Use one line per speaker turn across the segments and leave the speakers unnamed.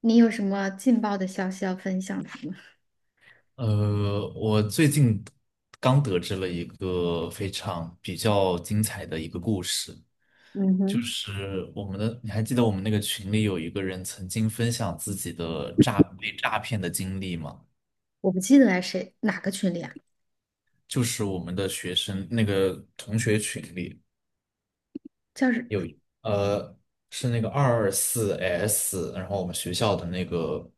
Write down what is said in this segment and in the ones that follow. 你有什么劲爆的消息要分享的吗？
我最近刚得知了一个非常比较精彩的一个故事，
嗯
就
哼，
是我们的，你还记得我们那个群里有一个人曾经分享自己的被诈骗的经历吗？
我不记得来谁哪个群里啊，
就是我们的学生那个同学群里
叫是
有一呃，是那个二二四 S，然后我们学校的那个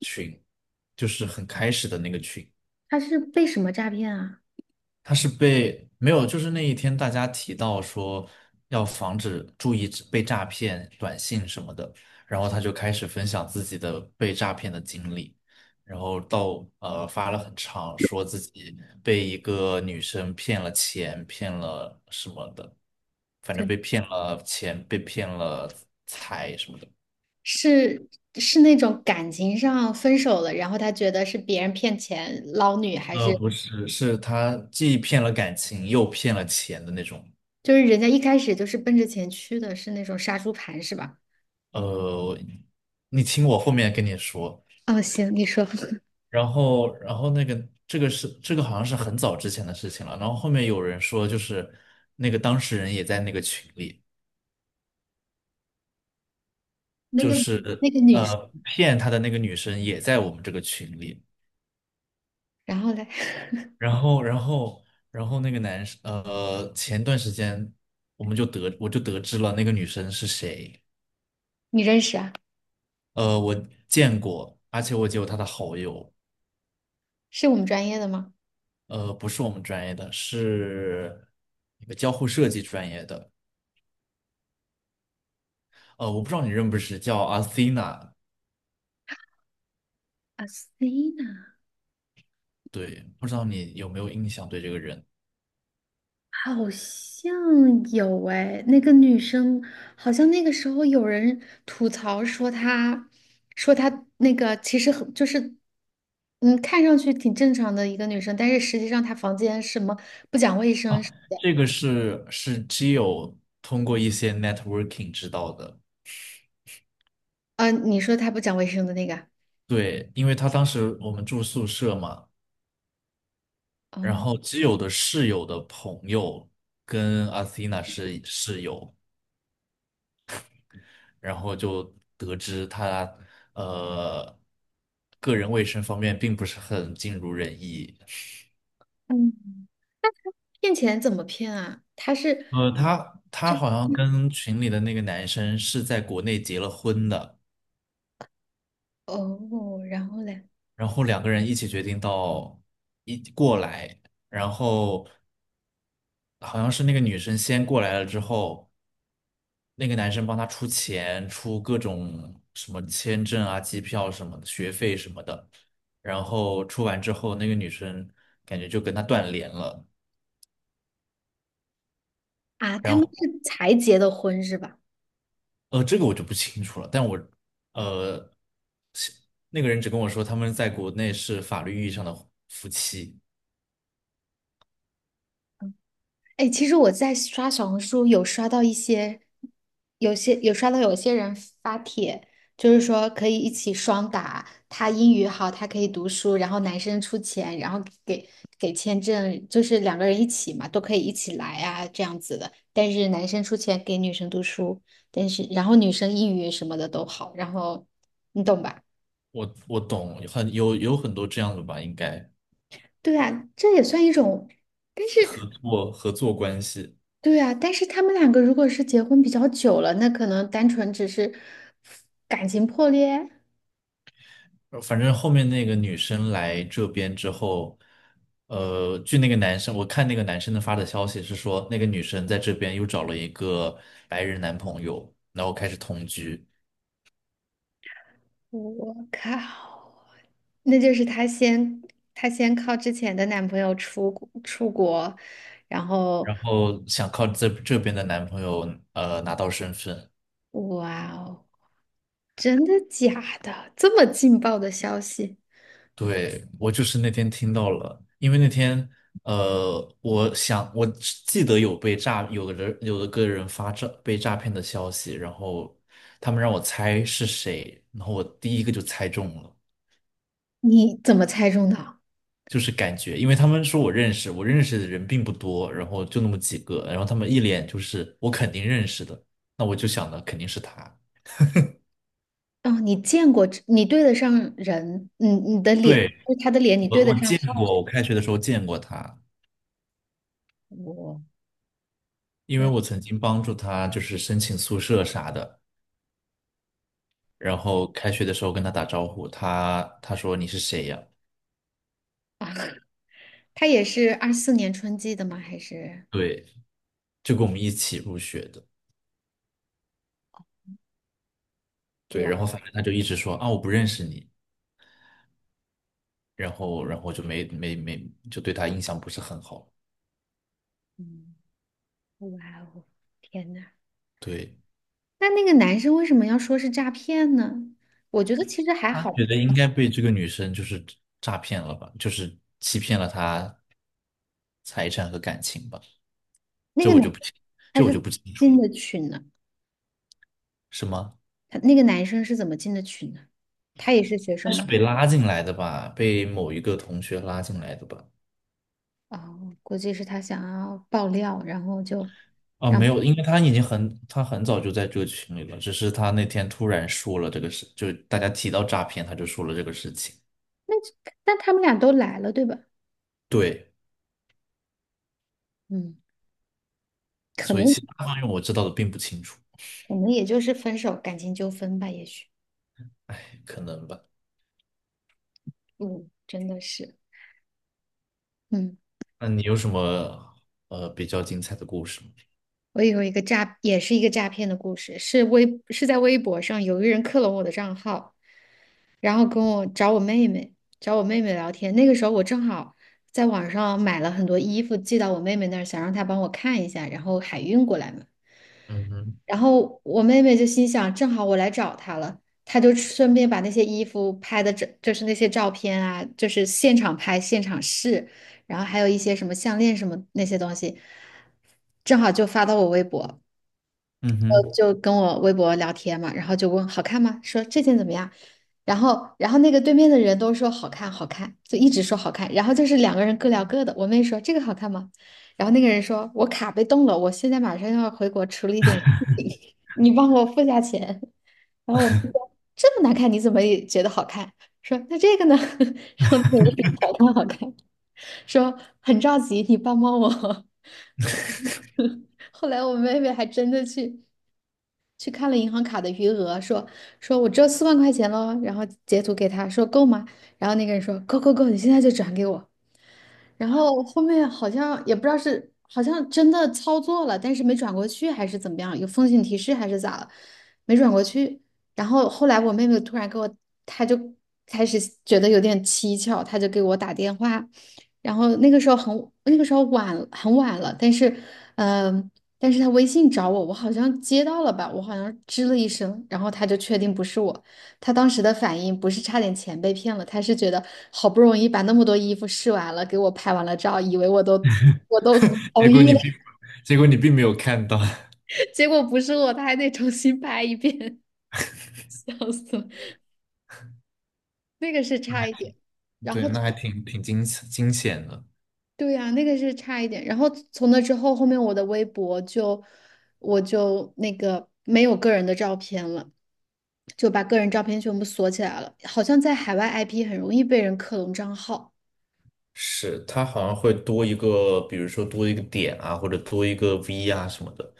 群，就是很开始的那个群。
他是被什么诈骗啊？
他是被没有，就是那一天大家提到说要防止注意被诈骗短信什么的，然后他就开始分享自己的被诈骗的经历，然后发了很长，说自己被一个女生骗了钱，骗了什么的，反正
这
被骗了钱，被骗了财什么的。
是是那种感情上分手了，然后他觉得是别人骗钱捞女，还是
不是，是他既骗了感情又骗了钱的那种。
就是人家一开始就是奔着钱去的，是那种杀猪盘是吧？
呃，你听我后面跟你说。
哦，行，你说
然后这个好像是很早之前的事情了。然后后面有人说，就是那个当事人也在那个群里，
那
就
个那
是
个女，
骗他的那个女生也在我们这个群里。
然后嘞，
然后，然后，然后那个男生，呃，前段时间我就得知了那个女生是谁。
你认识啊？
呃，我见过，而且我也有她的好友。
是我们专业的吗？
呃，不是我们专业的，是那个交互设计专业的。呃，我不知道你认不认识，叫阿 t 娜。
啊，Sina。
对，不知道你有没有印象对这个人
好像有哎，那个女生好像那个时候有人吐槽说她那个其实很就是，看上去挺正常的一个女生，但是实际上她房间什么不讲卫生
啊，这个是基友通过一些 networking 知道的。
啊，你说她不讲卫生的那个啊，
对，因为他当时我们住宿舍嘛，然
哦，
后基友的室友的朋友跟阿西娜是室友，然后就得知他呃个人卫生方面并不是很尽如人意。
嗯，骗钱怎么骗啊？她是，
呃，他好像
嗯
跟群里的那个男生是在国内结了婚的。
哦，然后嘞，
然后两个人一起决定到一过来，然后好像是那个女生先过来了之后，那个男生帮她出钱，出各种什么签证啊、机票什么的、学费什么的，然后出完之后，那个女生感觉就跟他断联了，
啊，他
然
们
后
是才结的婚是吧？
呃，这个我就不清楚了，呃，是那个人只跟我说他们在国内是法律意义上的夫妻，
哎，其实我在刷小红书有刷到一些，有刷到有些人发帖，就是说可以一起双打，他英语好，他可以读书，然后男生出钱，然后给签证，就是两个人一起嘛，都可以一起来啊，这样子的。但是男生出钱给女生读书，但是然后女生英语什么的都好，然后你懂吧？
我懂，有很多这样的吧，应该。
对啊，这也算一种
我合作关系，
对啊，但是他们两个如果是结婚比较久了，那可能单纯只是感情破裂。
反正后面那个女生来这边之后，呃，据那个男生，我看那个男生的发的消息是说，那个女生在这边又找了一个白人男朋友，然后开始同居，
我靠，那就是她先靠之前的男朋友出国，然后
然后想靠这边的男朋友拿到身份，
哇哦，真的假的？这么劲爆的消息，
对，我就是那天听到了，因为那天，呃，我想我只记得有被诈，有个人个人发被诈骗的消息，然后他们让我猜是谁，然后我第一个就猜中了，
你怎么猜中的？
就是感觉，因为他们说我认识，我认识的人并不多，然后就那么几个，然后他们一脸就是我肯定认识的，那我就想的肯定是他。
哦，你见过你对得上人，你的脸，
对，
就是他的脸，你
我
对得
我
上
见
号。
过，我开学的时候见过他，
我
因为
真
我曾经帮助他就是申请宿舍啥的。然后开学的时候跟他打招呼，他说你是谁呀？
的啊。他也是二四年春季的吗？还是
对，就跟我们一起入学的。对，
哇，
然后反正他就一直说啊我不认识你，然后然后就没没没就对他印象不是很好。
嗯，哇哦，天呐，
对，
那个男生为什么要说是诈骗呢？我觉得其实还
他
好。
觉得应该被这个女生就是诈骗了吧，就是欺骗了他财产和感情吧，
那
这
个
我
男
就不清，
他
这我
是
就不清楚
进
了，
的群呢，
是吗？
他那个男生是怎么进的群呢？他也是学生
但是
吗？
被拉进来的吧，被某一个同学拉进来的吧。
哦，估计是他想要爆料，然后就
啊，
让
没有，因为他很早就在这个群里了，只是他那天突然说了这个事，就大家提到诈骗，他就说了这个事情。
那那他们俩都来了，对吧？
对，
嗯，可
所以
能
其他方面我知道的并不清楚，
可能也就是分手，感情纠纷吧，也许。
哎，可能吧。
嗯，真的是，嗯。
那你有什么呃比较精彩的故事吗？
我有一个诈，也是一个诈骗的故事，是是在微博上有一个人克隆我的账号，然后跟我找我妹妹，找我妹妹聊天。那个时候我正好在网上买了很多衣服寄到我妹妹那儿，想让她帮我看一下，然后海运过来嘛。
嗯哼，
然后我妹妹就心想，正好我来找她了，她就顺便把那些衣服拍的就是那些照片啊，就是现场拍、现场试，然后还有一些什么项链什么那些东西，正好就发到我微博。
嗯哼，
就跟我微博聊天嘛，然后就问好看吗？说这件怎么样？然后那个对面的人都说好看，好看，就一直说好看。然后就是两个人各聊各的。我妹说这个好看吗？然后那个人说我卡被冻了，我现在马上要回国处理一点事情，你帮我付下钱。然后我妹说这么难看，你怎么也觉得好看？说那这个呢？然后那个人 说好看，好看，说很着急，你帮帮我。后来我妹妹还真的去看了银行卡的余额，说我只有四万块钱喽，然后截图给他说够吗？然后那个人说够够够，你现在就转给我。然后后面好像也不知道是好像真的操作了，但是没转过去还是怎么样，有风险提示还是咋了，没转过去。然后后来我妹妹突然给我，她就开始觉得有点蹊跷，她就给我打电话。然后那个时候晚很晚了，但是嗯、她微信找我，我好像接到了吧，我好像吱了一声，然后她就确定不是我。他当时的反应不是差点钱被骗了，他是觉得好不容易把那么多衣服试完了，给我拍完了照，以为我都
结
同
果
意
你并，
了，
结果你并没有看到，
结果不是我，他还得重新拍一遍，笑死了。那个是差一点，然
对，
后
那还
从
挺惊险的。
对呀、那个是差一点，然后从那之后，后面我的微博就我就那个没有个人的照片了。就把个人照片全部锁起来了，好像在海外 IP 很容易被人克隆账号。
是，他好像会多一个，比如说多一个点啊，或者多一个 V 啊什么的。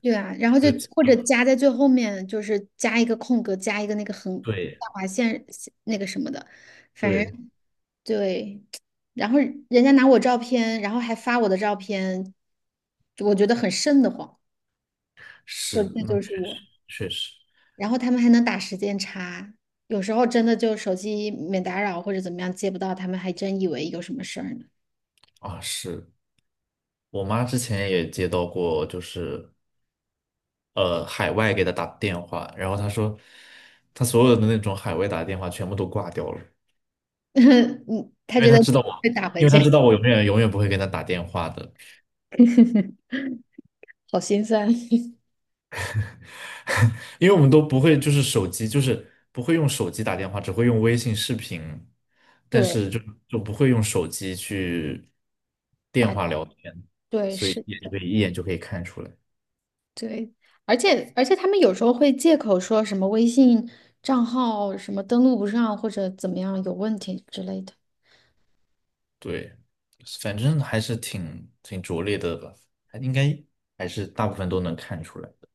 对啊，然后就
对，
或者加在最后面，就是加一个空格，加一个那个横
对
下划线那个什么的，反
对，
正对。然后人家拿我照片，然后还发我的照片，我觉得很瘆得慌，说
是，
这
那
就是
确实
我。
确实
然后他们还能打时间差，有时候真的就手机免打扰或者怎么样接不到，他们还真以为有什么事儿呢。
啊，是我妈之前也接到过，就是呃海外给她打电话，然后她说她所有的那种海外打电话全部都挂掉了，
嗯，他
因为
觉得
她知道我，
被打回
因为她知
去，
道我永远不会跟她打电话的，
好心酸。
因为我们都不会手机就是不会用手机打电话，只会用微信视频，但
对，
是就就不会用手机去电
打，
话聊天，
对，
所以
是。
也就可以一眼就可以看出来。
对，而且他们有时候会借口说什么微信账号什么登录不上或者怎么样有问题之类的。
对，反正还是挺拙劣的吧，还应该还是大部分都能看出来的。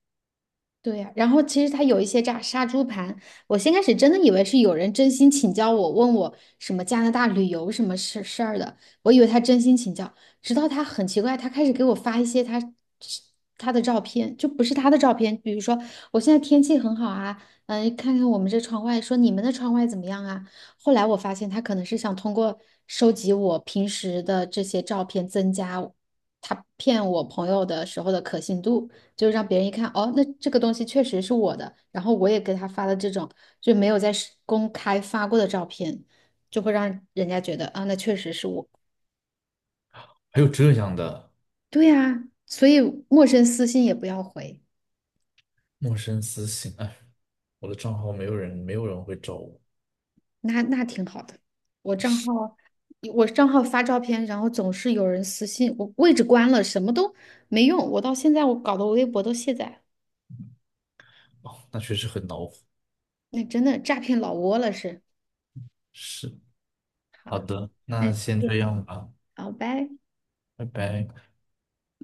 对呀，然后其实他有一些炸杀猪盘，我先开始真的以为是有人真心请教我，问我什么加拿大旅游什么事儿的，我以为他真心请教，直到他很奇怪，他开始给我发一些他的照片，就不是他的照片，比如说我现在天气很好啊，看看我们这窗外，说你们的窗外怎么样啊？后来我发现他可能是想通过收集我平时的这些照片，增加他骗我朋友的时候的可信度。就让别人一看，哦，那这个东西确实是我的，然后我也给他发了这种就没有在是公开发过的照片，就会让人家觉得啊，那确实是我。
还有这样的
对呀，所以陌生私信也不要回，
陌生私信，哎，我的账号没有人，没有人会找我，
那挺好的。我账号我账号发照片，然后总是有人私信，我位置关了，什么都没用。我到现在我搞得我微博都卸载了
哦，那确实很恼火。
那真的诈骗老窝了是。
是，好
好，
的，那
那
先这样吧，
好，拜。
拜拜。